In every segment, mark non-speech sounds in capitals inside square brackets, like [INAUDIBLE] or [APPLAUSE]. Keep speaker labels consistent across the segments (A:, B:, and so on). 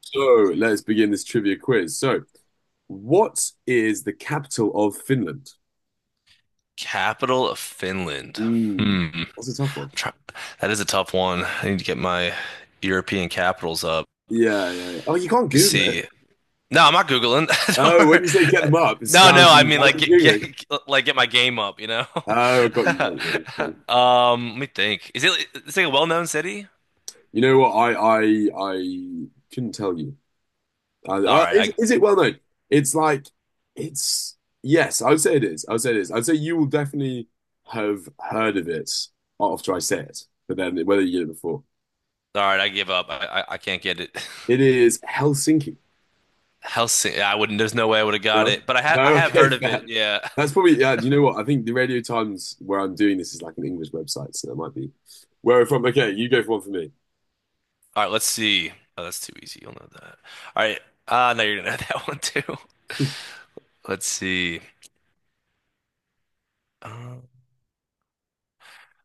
A: So let's begin this trivia quiz. So, what is the capital of Finland?
B: Capital of Finland.
A: Mm,
B: Hmm. I'm
A: that's a tough one.
B: try- That is a tough one. I need to get my European capitals up.
A: Yeah, yeah, yeah. Oh, you can't
B: Let me
A: Google it.
B: see. No, I'm not Googling. [LAUGHS] Don't
A: Oh, when
B: worry.
A: you say get them up, it
B: No, no,
A: sounds
B: I
A: it
B: mean
A: sounds
B: like
A: like Googling.
B: get my game up, you know?
A: Oh, I got
B: [LAUGHS]
A: you, got you.
B: Let me think. Is it a well-known city?
A: You know what? I couldn't tell you. I,
B: All right, I
A: is it well known? It's like it's yes. I would say it is. I would say it is. I'd say you will definitely have heard of it after I say it, but then whether you did it before.
B: all right, I give up. I can't get it. [LAUGHS]
A: It is Helsinki.
B: Helsinki. I wouldn't. There's no way I would have got
A: No,
B: it, but
A: no,
B: I
A: [LAUGHS]
B: have
A: okay,
B: heard of
A: fair.
B: it. Yeah.
A: That's probably, yeah. Do you know what? I think the Radio Times where I'm doing this is like an English website, so that might be where I'm from. Okay, you go for one for me.
B: All right, let's see. Oh, that's too easy. You'll know that. All right. Now you're gonna know [LAUGHS] that one too. Let's see. Um,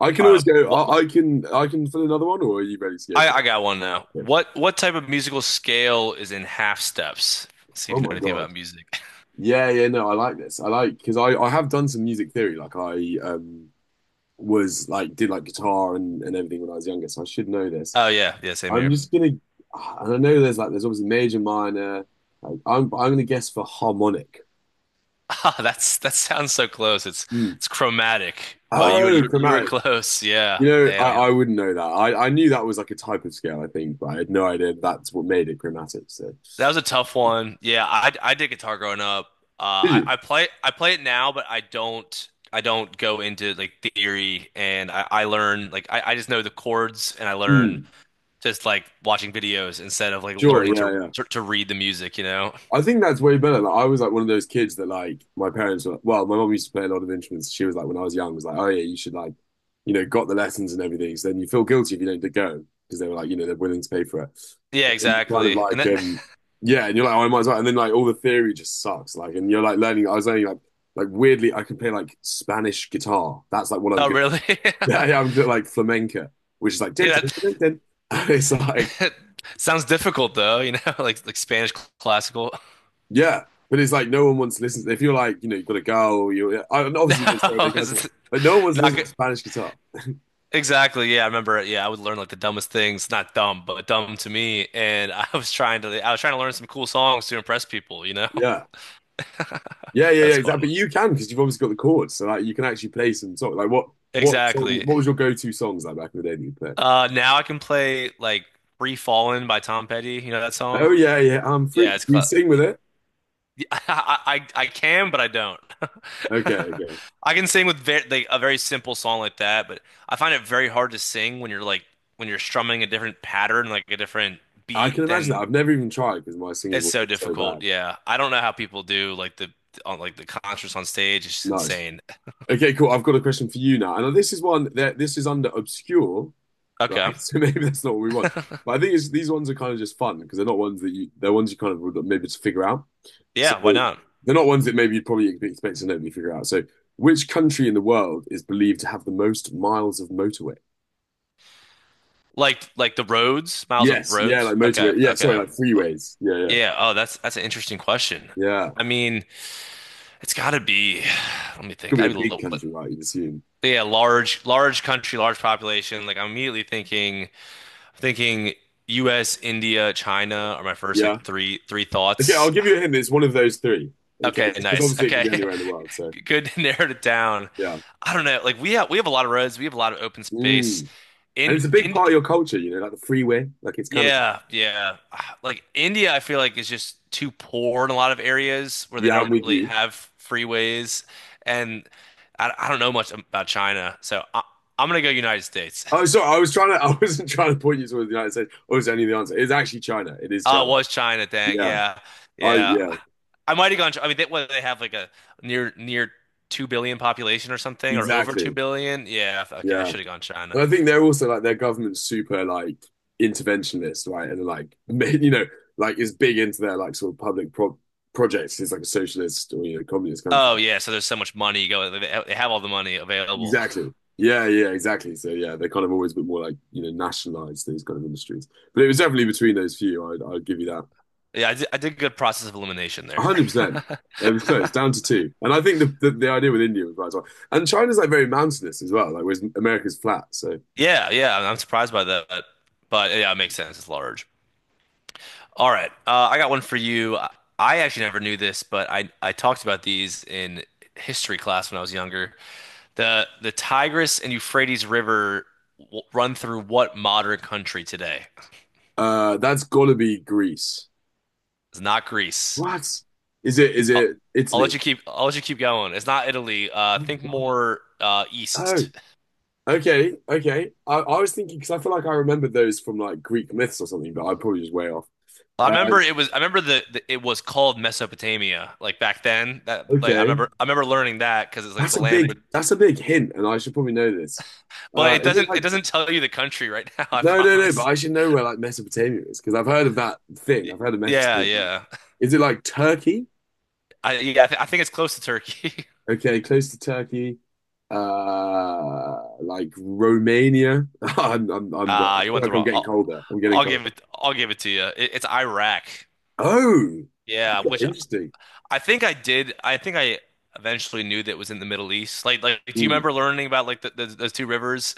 A: I can
B: all
A: always
B: right.
A: go.
B: What
A: I can fill another one, or are you ready to go for
B: I
A: one?
B: got one now.
A: Yeah.
B: What type of musical scale is in half steps? Let's see if
A: Oh
B: you know
A: my
B: anything
A: God.
B: about music.
A: Yeah, yeah. No, I like this. I like Because I have done some music theory. Like I was like did like guitar and everything when I was younger, so I should know this.
B: Oh yeah, yeah, same
A: I'm
B: here.
A: just
B: [LAUGHS]
A: gonna And I know there's obviously major, minor. Like I'm gonna guess for harmonic.
B: Ah, that sounds so close. It's
A: Hmm.
B: it's chromatic, but you were
A: Oh,
B: you, you were
A: chromatic.
B: close.
A: You
B: Yeah,
A: know,
B: damn.
A: I wouldn't know that. I knew that was like a type of scale, I think, but I had no idea that's what made it chromatic. So,
B: That was a tough one. Yeah, I did guitar growing up.
A: did you?
B: I play it now, but I don't go into like theory and I learn like I just know the chords and I learn
A: Mm,
B: just like watching videos instead of like
A: sure,
B: learning to
A: yeah, yeah.
B: to, to read the music, you know?
A: I think that's way better. Like, I was like one of those kids that like my parents were. Well, my mom used to play a lot of instruments. She was like when I was young, was like, oh yeah, you should like, got the lessons and everything. So then you feel guilty if you don't go because they were like, they're willing to pay for it.
B: Yeah,
A: And you kind of
B: exactly. And
A: like,
B: that
A: yeah, and you're like, oh, I might as well. And then like all the theory just sucks. Like, and you're like learning. I was learning like weirdly, I can play like Spanish guitar. That's like what
B: [LAUGHS]
A: I'm
B: oh
A: good.
B: really? [LAUGHS]
A: Yeah, yeah, I'm good at like flamenco, which is like dun,
B: Yeah,
A: dun,
B: that
A: dun, dun, dun. [LAUGHS] It's
B: [LAUGHS]
A: like
B: that sounds difficult though, you know, [LAUGHS] like Spanish classical. [LAUGHS]
A: yeah, but it's like no one wants to listen. To, if you're like you know you've got a girl, and
B: No,
A: obviously there's no other girls,
B: it's
A: but no one wants to
B: not
A: listen to
B: good.
A: Spanish guitar.
B: Exactly. Yeah, I remember. Yeah, I would learn like the dumbest things, not dumb, but dumb to me. And I was trying to learn some cool songs to impress people, you know?
A: Yeah, yeah,
B: [LAUGHS]
A: yeah, yeah,
B: That's
A: exactly.
B: funny.
A: But you can because you've obviously got the chords, so like you can actually play some song. Like what song?
B: Exactly.
A: What was your go-to songs like back in the day that you played?
B: Now I can play like Free Fallin' by Tom Petty. You know that song?
A: Oh yeah, yeah, I'm free.
B: Yeah, it's
A: You
B: cla
A: sing with it?
B: [LAUGHS] I can, but I don't.
A: Okay,
B: [LAUGHS]
A: okay.
B: I can sing with very, like a very simple song like that, but I find it very hard to sing when you're like when you're strumming a different pattern, like a different
A: I can
B: beat
A: imagine that.
B: than
A: I've never even tried because my singing
B: it's
A: voice
B: so
A: is so
B: difficult.
A: bad.
B: Yeah. I don't know how people do like the on like the concerts on stage. It's just
A: Nice.
B: insane.
A: Okay, cool. I've got a question for you now. And this is one that this is under obscure, right?
B: Okay.
A: [LAUGHS] So maybe that's not what we want. But I think these ones are kind of just fun because they're not ones that you they're ones you kind of would like maybe just figure out. So
B: Yeah, why not?
A: they're not ones that maybe you'd probably expect to nobody figure out. So which country in the world is believed to have the most miles of motorway?
B: Like the roads, miles of
A: Yes, yeah, like
B: roads.
A: motorway.
B: Okay.
A: Yeah, sorry,
B: Okay.
A: like freeways. Yeah, yeah,
B: Yeah. Oh, that's an interesting question.
A: yeah.
B: I mean, it's got to be [SIGHS] let me
A: Could
B: think.
A: be
B: I'd
A: a
B: be a
A: big
B: little,
A: country, right? You'd assume.
B: yeah, large large country, large population. Like I'm immediately thinking US, India, China are my first
A: Yeah.
B: like three
A: Okay, I'll
B: thoughts.
A: give you a hint. It's one of those three. Okay,
B: Okay,
A: just because
B: nice.
A: obviously it could be
B: Okay.
A: anywhere in the world. So,
B: [LAUGHS] Good to narrowed it down.
A: yeah.
B: I don't know. Like we have a lot of roads, we have a lot of open space.
A: Mm. And it's a big
B: In
A: part of your culture, like the freeway. Like it's kind of,
B: yeah, yeah. [SIGHS] Ah, like India, I feel like is just too poor in a lot of areas where they
A: yeah, I'm
B: don't
A: with
B: really
A: you.
B: have freeways and I don't know much about China. So I'm gonna go United States. [LAUGHS]
A: Oh, sorry, I was trying to, [LAUGHS] I wasn't trying to point you towards the United States. Oh, is only the answer. It's actually China. It is
B: Oh, it
A: China.
B: was China, dang.
A: Yeah.
B: Yeah. Yeah.
A: Yeah,
B: I might have gone. I mean, they, what they have like a near near 2 billion population or something or over 2
A: exactly.
B: billion? Yeah. Okay, I
A: Yeah.
B: should have gone China.
A: And I think they're also like their government's super like interventionist, right? And like, [LAUGHS] like is big into their like sort of public projects. It's like a socialist or, communist country.
B: Oh, yeah, so there's so much money going. They have all the money available. [LAUGHS]
A: Exactly. Yeah, yeah, exactly. So yeah, they're kind of always a bit more like, nationalized these kind of industries. But it was definitely between those few. I'd give you that.
B: Yeah, I did a good process of elimination
A: one
B: there.
A: hundred percent.
B: [LAUGHS]
A: It was close, down to two. And I think the idea with India was right as well. And China's like very mountainous as well, like whereas America's flat. So
B: Yeah, yeah, I'm surprised by that. But, yeah, it makes sense. It's large. All right. I got one for you. I actually never knew this, but I talked about these in history class when I was younger. The Tigris and Euphrates River run through what modern country today?
A: that's gotta be Greece.
B: It's not Greece.
A: What? Is it is
B: I'll,
A: it
B: I'll let
A: Italy?
B: you keep I'll let you keep going. It's not Italy.
A: Oh, my
B: Think
A: God.
B: more
A: Oh,
B: east.
A: okay, okay. I was thinking because I feel like I remembered those from like Greek myths or something, but I'm probably just way off.
B: I
A: Uh,
B: remember it was I remember the it was called Mesopotamia like back then. That like
A: okay,
B: I remember learning that because it's like
A: that's
B: the
A: a
B: land,
A: big that's a big hint, and I should probably know this.
B: but it
A: Is it
B: doesn't
A: like
B: tell you the country right now. [LAUGHS] I
A: No, no, no. But
B: promise.
A: I should know where like Mesopotamia is because I've heard of that thing.
B: Y-
A: I've heard of
B: Yeah,
A: Mesopotamia.
B: yeah.
A: Is it like Turkey?
B: I yeah I think it's close to Turkey. [LAUGHS]
A: Okay, close to Turkey. Like Romania. [LAUGHS] I'm wet.
B: Ah,
A: I
B: you
A: feel
B: went the
A: like I'm
B: wrong.
A: getting colder. I'm getting colder.
B: I'll give it to you. It's Iraq.
A: Oh,
B: Yeah,
A: okay,
B: which
A: interesting.
B: I think I did. I think I eventually knew that it was in the Middle East. Like, do you
A: Hmm.
B: remember learning about like those two rivers?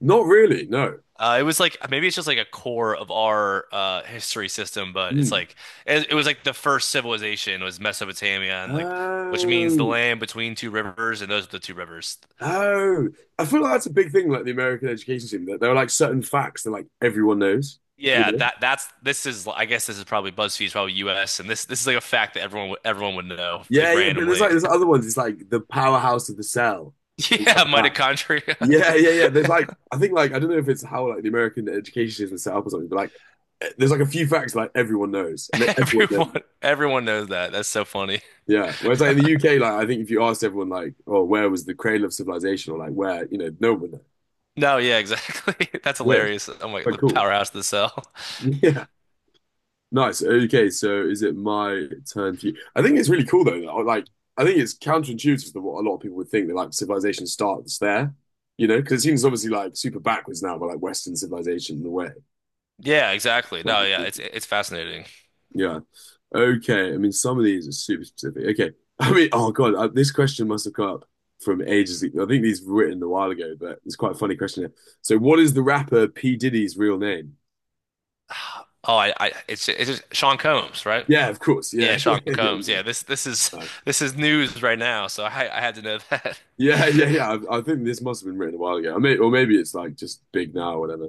A: Not really. No.
B: It was like maybe it's just like a core of our history system, but it's
A: Hmm.
B: like it was like the first civilization was Mesopotamia, and like which means the
A: Oh,
B: land between two rivers, and those are the two rivers.
A: oh. I feel like that's a big thing. Like the American education system, that there are like certain facts that like everyone knows. You
B: Yeah,
A: know.
B: that that's this is I guess this is probably BuzzFeed's probably U.S. and this is like a fact that everyone would know
A: Yeah,
B: like
A: yeah. But there's like
B: randomly.
A: there's
B: [LAUGHS]
A: other ones. It's like the powerhouse of the cell and stuff
B: Yeah,
A: like that.
B: mitochondria.
A: Yeah, yeah, yeah. There's like I think like I don't know if it's how like the American education system is set up or something, but like there's like a few facts like everyone knows and then
B: [LAUGHS]
A: everyone knows.
B: Everyone, everyone knows that. That's so funny.
A: Yeah. Whereas like in the UK, like I think if you asked everyone like, oh, where was the cradle of civilization or like where, no one knows.
B: No, yeah, exactly. [LAUGHS] That's
A: It's weird.
B: hilarious. I'm like
A: But
B: the
A: cool.
B: powerhouse of the cell. [LAUGHS]
A: [LAUGHS] Yeah. Nice. Okay, so is it my turn for you? I think it's really cool though. Like, I think it's counterintuitive to what a lot of people would think that like civilization starts there, because it seems obviously like super backwards now, but like Western civilization in a way.
B: Yeah, exactly. No, yeah, it's
A: [LAUGHS]
B: it's fascinating.
A: Yeah. Okay. I mean, some of these are super specific. Okay. I mean, oh God, this question must have come up from ages ago. I think these were written a while ago, but it's quite a funny question here. So, what is the rapper P. Diddy's real name?
B: Oh, I it's just Sean Combs, right?
A: Yeah, of course.
B: Yeah,
A: Yeah. [LAUGHS]
B: Sean
A: Yeah.
B: Combs. Yeah, this is
A: Yeah.
B: [LAUGHS] this is news right now, so I had to know that. [LAUGHS]
A: Yeah, [LAUGHS] yeah, yeah. I think this must have been written a while ago. Or maybe it's like just big now or whatever.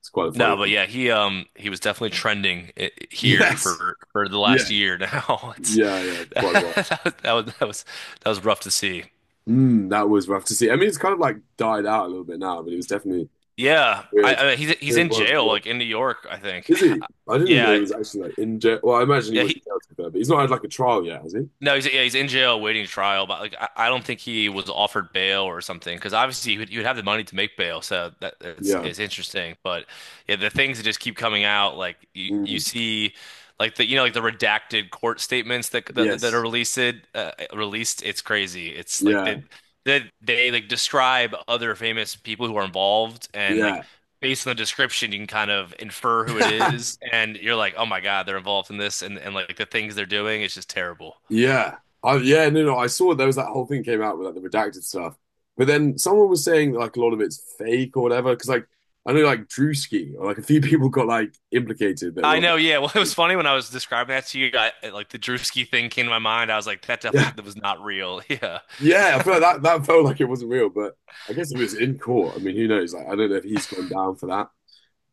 A: It's quite a funny
B: No, but
A: one. [LAUGHS]
B: yeah, he was definitely trending I here
A: Yes.
B: for the last
A: Yes.
B: year now. [LAUGHS] It's
A: Yeah, yeah,
B: [LAUGHS]
A: quite a while.
B: that was that was that was that was rough to see.
A: That was rough to see. I mean, it's kind of like died out a little bit now, but it was definitely
B: Yeah,
A: weird.
B: I he's
A: Weird
B: in
A: one.
B: jail
A: Well,
B: like in New York, I think.
A: is he?
B: [LAUGHS]
A: I didn't even know he
B: Yeah,
A: was actually like in jail. Well, I imagine he
B: yeah,
A: was in jail to be fair, but he's not had like a trial yet, has he?
B: no, he's yeah, he's in jail waiting trial, but like I don't think he was offered bail or something because obviously you would have the money to make bail, so that it's
A: Yeah.
B: it's interesting. But yeah, the things that just keep coming out, like you
A: Mm.
B: see, like the you know like the redacted court statements that are
A: Yes.
B: released released. It's crazy.
A: Yeah.
B: They like describe other famous people who are involved and like. Based on the description, you can kind of infer who it
A: Yeah. [LAUGHS]
B: is, and you're like, "Oh my God, they're involved in this," and like the things they're doing, it's just terrible.
A: Yeah. Yeah, no, no. I saw there was that whole thing came out with like the redacted stuff. But then someone was saying that like a lot of it's fake or whatever. Because like I know like Drewski or like a few [LAUGHS] people got like implicated that were
B: I
A: like
B: know, yeah. [LAUGHS] Well, it
A: [LAUGHS] fake.
B: was funny when I was describing that to you, like the Drewski thing came to my mind. I was like, that
A: Yeah.
B: definitely that was not real. [LAUGHS] Yeah.
A: Yeah, I feel like that felt like it wasn't real, but I guess it was in court. I mean, who knows? Like I don't know if he's gone down for that.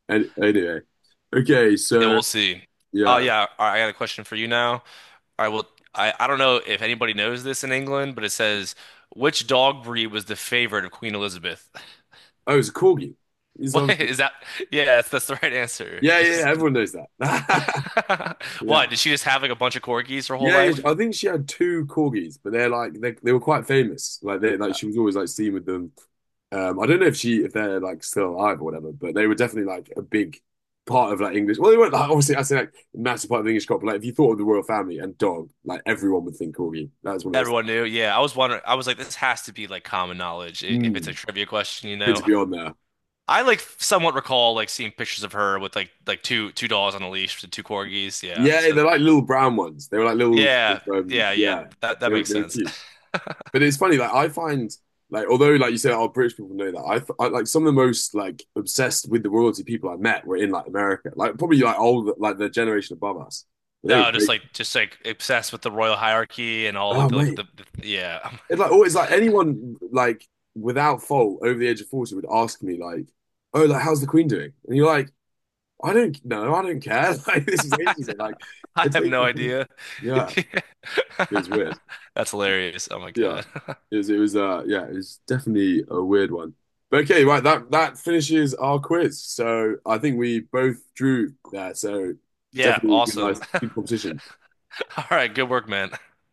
A: Anyway. Okay,
B: Yeah,
A: so
B: we'll see. Oh
A: yeah.
B: yeah, all right, I got a question for you now. All right, well, I don't know if anybody knows this in England, but it says which dog breed was the favorite of Queen Elizabeth? [LAUGHS]
A: Oh, it's a corgi. He's
B: What
A: obviously
B: is that? Yeah, that's the right answer. [LAUGHS]
A: Yeah, yeah, yeah, everyone knows that. [LAUGHS]
B: [LAUGHS]
A: Yeah.
B: What, did she just have like a bunch of corgis her whole
A: Yeah, yeah,
B: life?
A: I think she had two corgis, but they're like they were quite famous. Like they like
B: Uh,
A: she was always like seen with them. I don't know if she if they're like still alive or whatever, but they were definitely like a big part of like English. Well, they weren't like obviously I say like a massive part of the English crop. But, like if you thought of the royal family and dog, like everyone would think corgi. That's one of those
B: Everyone
A: things.
B: knew. Yeah, I was wondering. I was like, this has to be like common knowledge if it's a
A: Mm,
B: trivia question, you
A: Good to
B: know?
A: be on there.
B: I like somewhat recall like seeing pictures of her with like two dolls on a leash with two corgis. Yeah.
A: Yeah,
B: So
A: they're like little brown ones. They were like little
B: yeah, yeah, yeah.
A: yeah,
B: That
A: they were,
B: makes
A: they were
B: sense.
A: cute.
B: [LAUGHS]
A: But it's funny, like I find, like although like you say, oh, British people know that. I like some of the most like obsessed with the royalty people I met were in like America, like probably like old, like the generation above us. They were crazy.
B: Just like just like obsessed with the royal hierarchy and all like
A: Oh
B: the like
A: mate,
B: the, the yeah.
A: it's like always like anyone like without fault over the age of 40 would ask me like, oh, like how's the Queen doing? And you're like, I don't know, I don't care. [LAUGHS] Like this is ages ago. Like
B: [LAUGHS] I
A: it's
B: have
A: ages
B: no
A: ago.
B: idea.
A: Yeah,
B: [LAUGHS]
A: it was weird.
B: That's hilarious. Oh my
A: Yeah.
B: God. [LAUGHS]
A: It was yeah, it was definitely a weird one. But okay, right, that finishes our quiz. So I think we both drew there, so
B: Yeah,
A: definitely a good
B: awesome.
A: nice good competition.
B: [LAUGHS] All right, good work, man.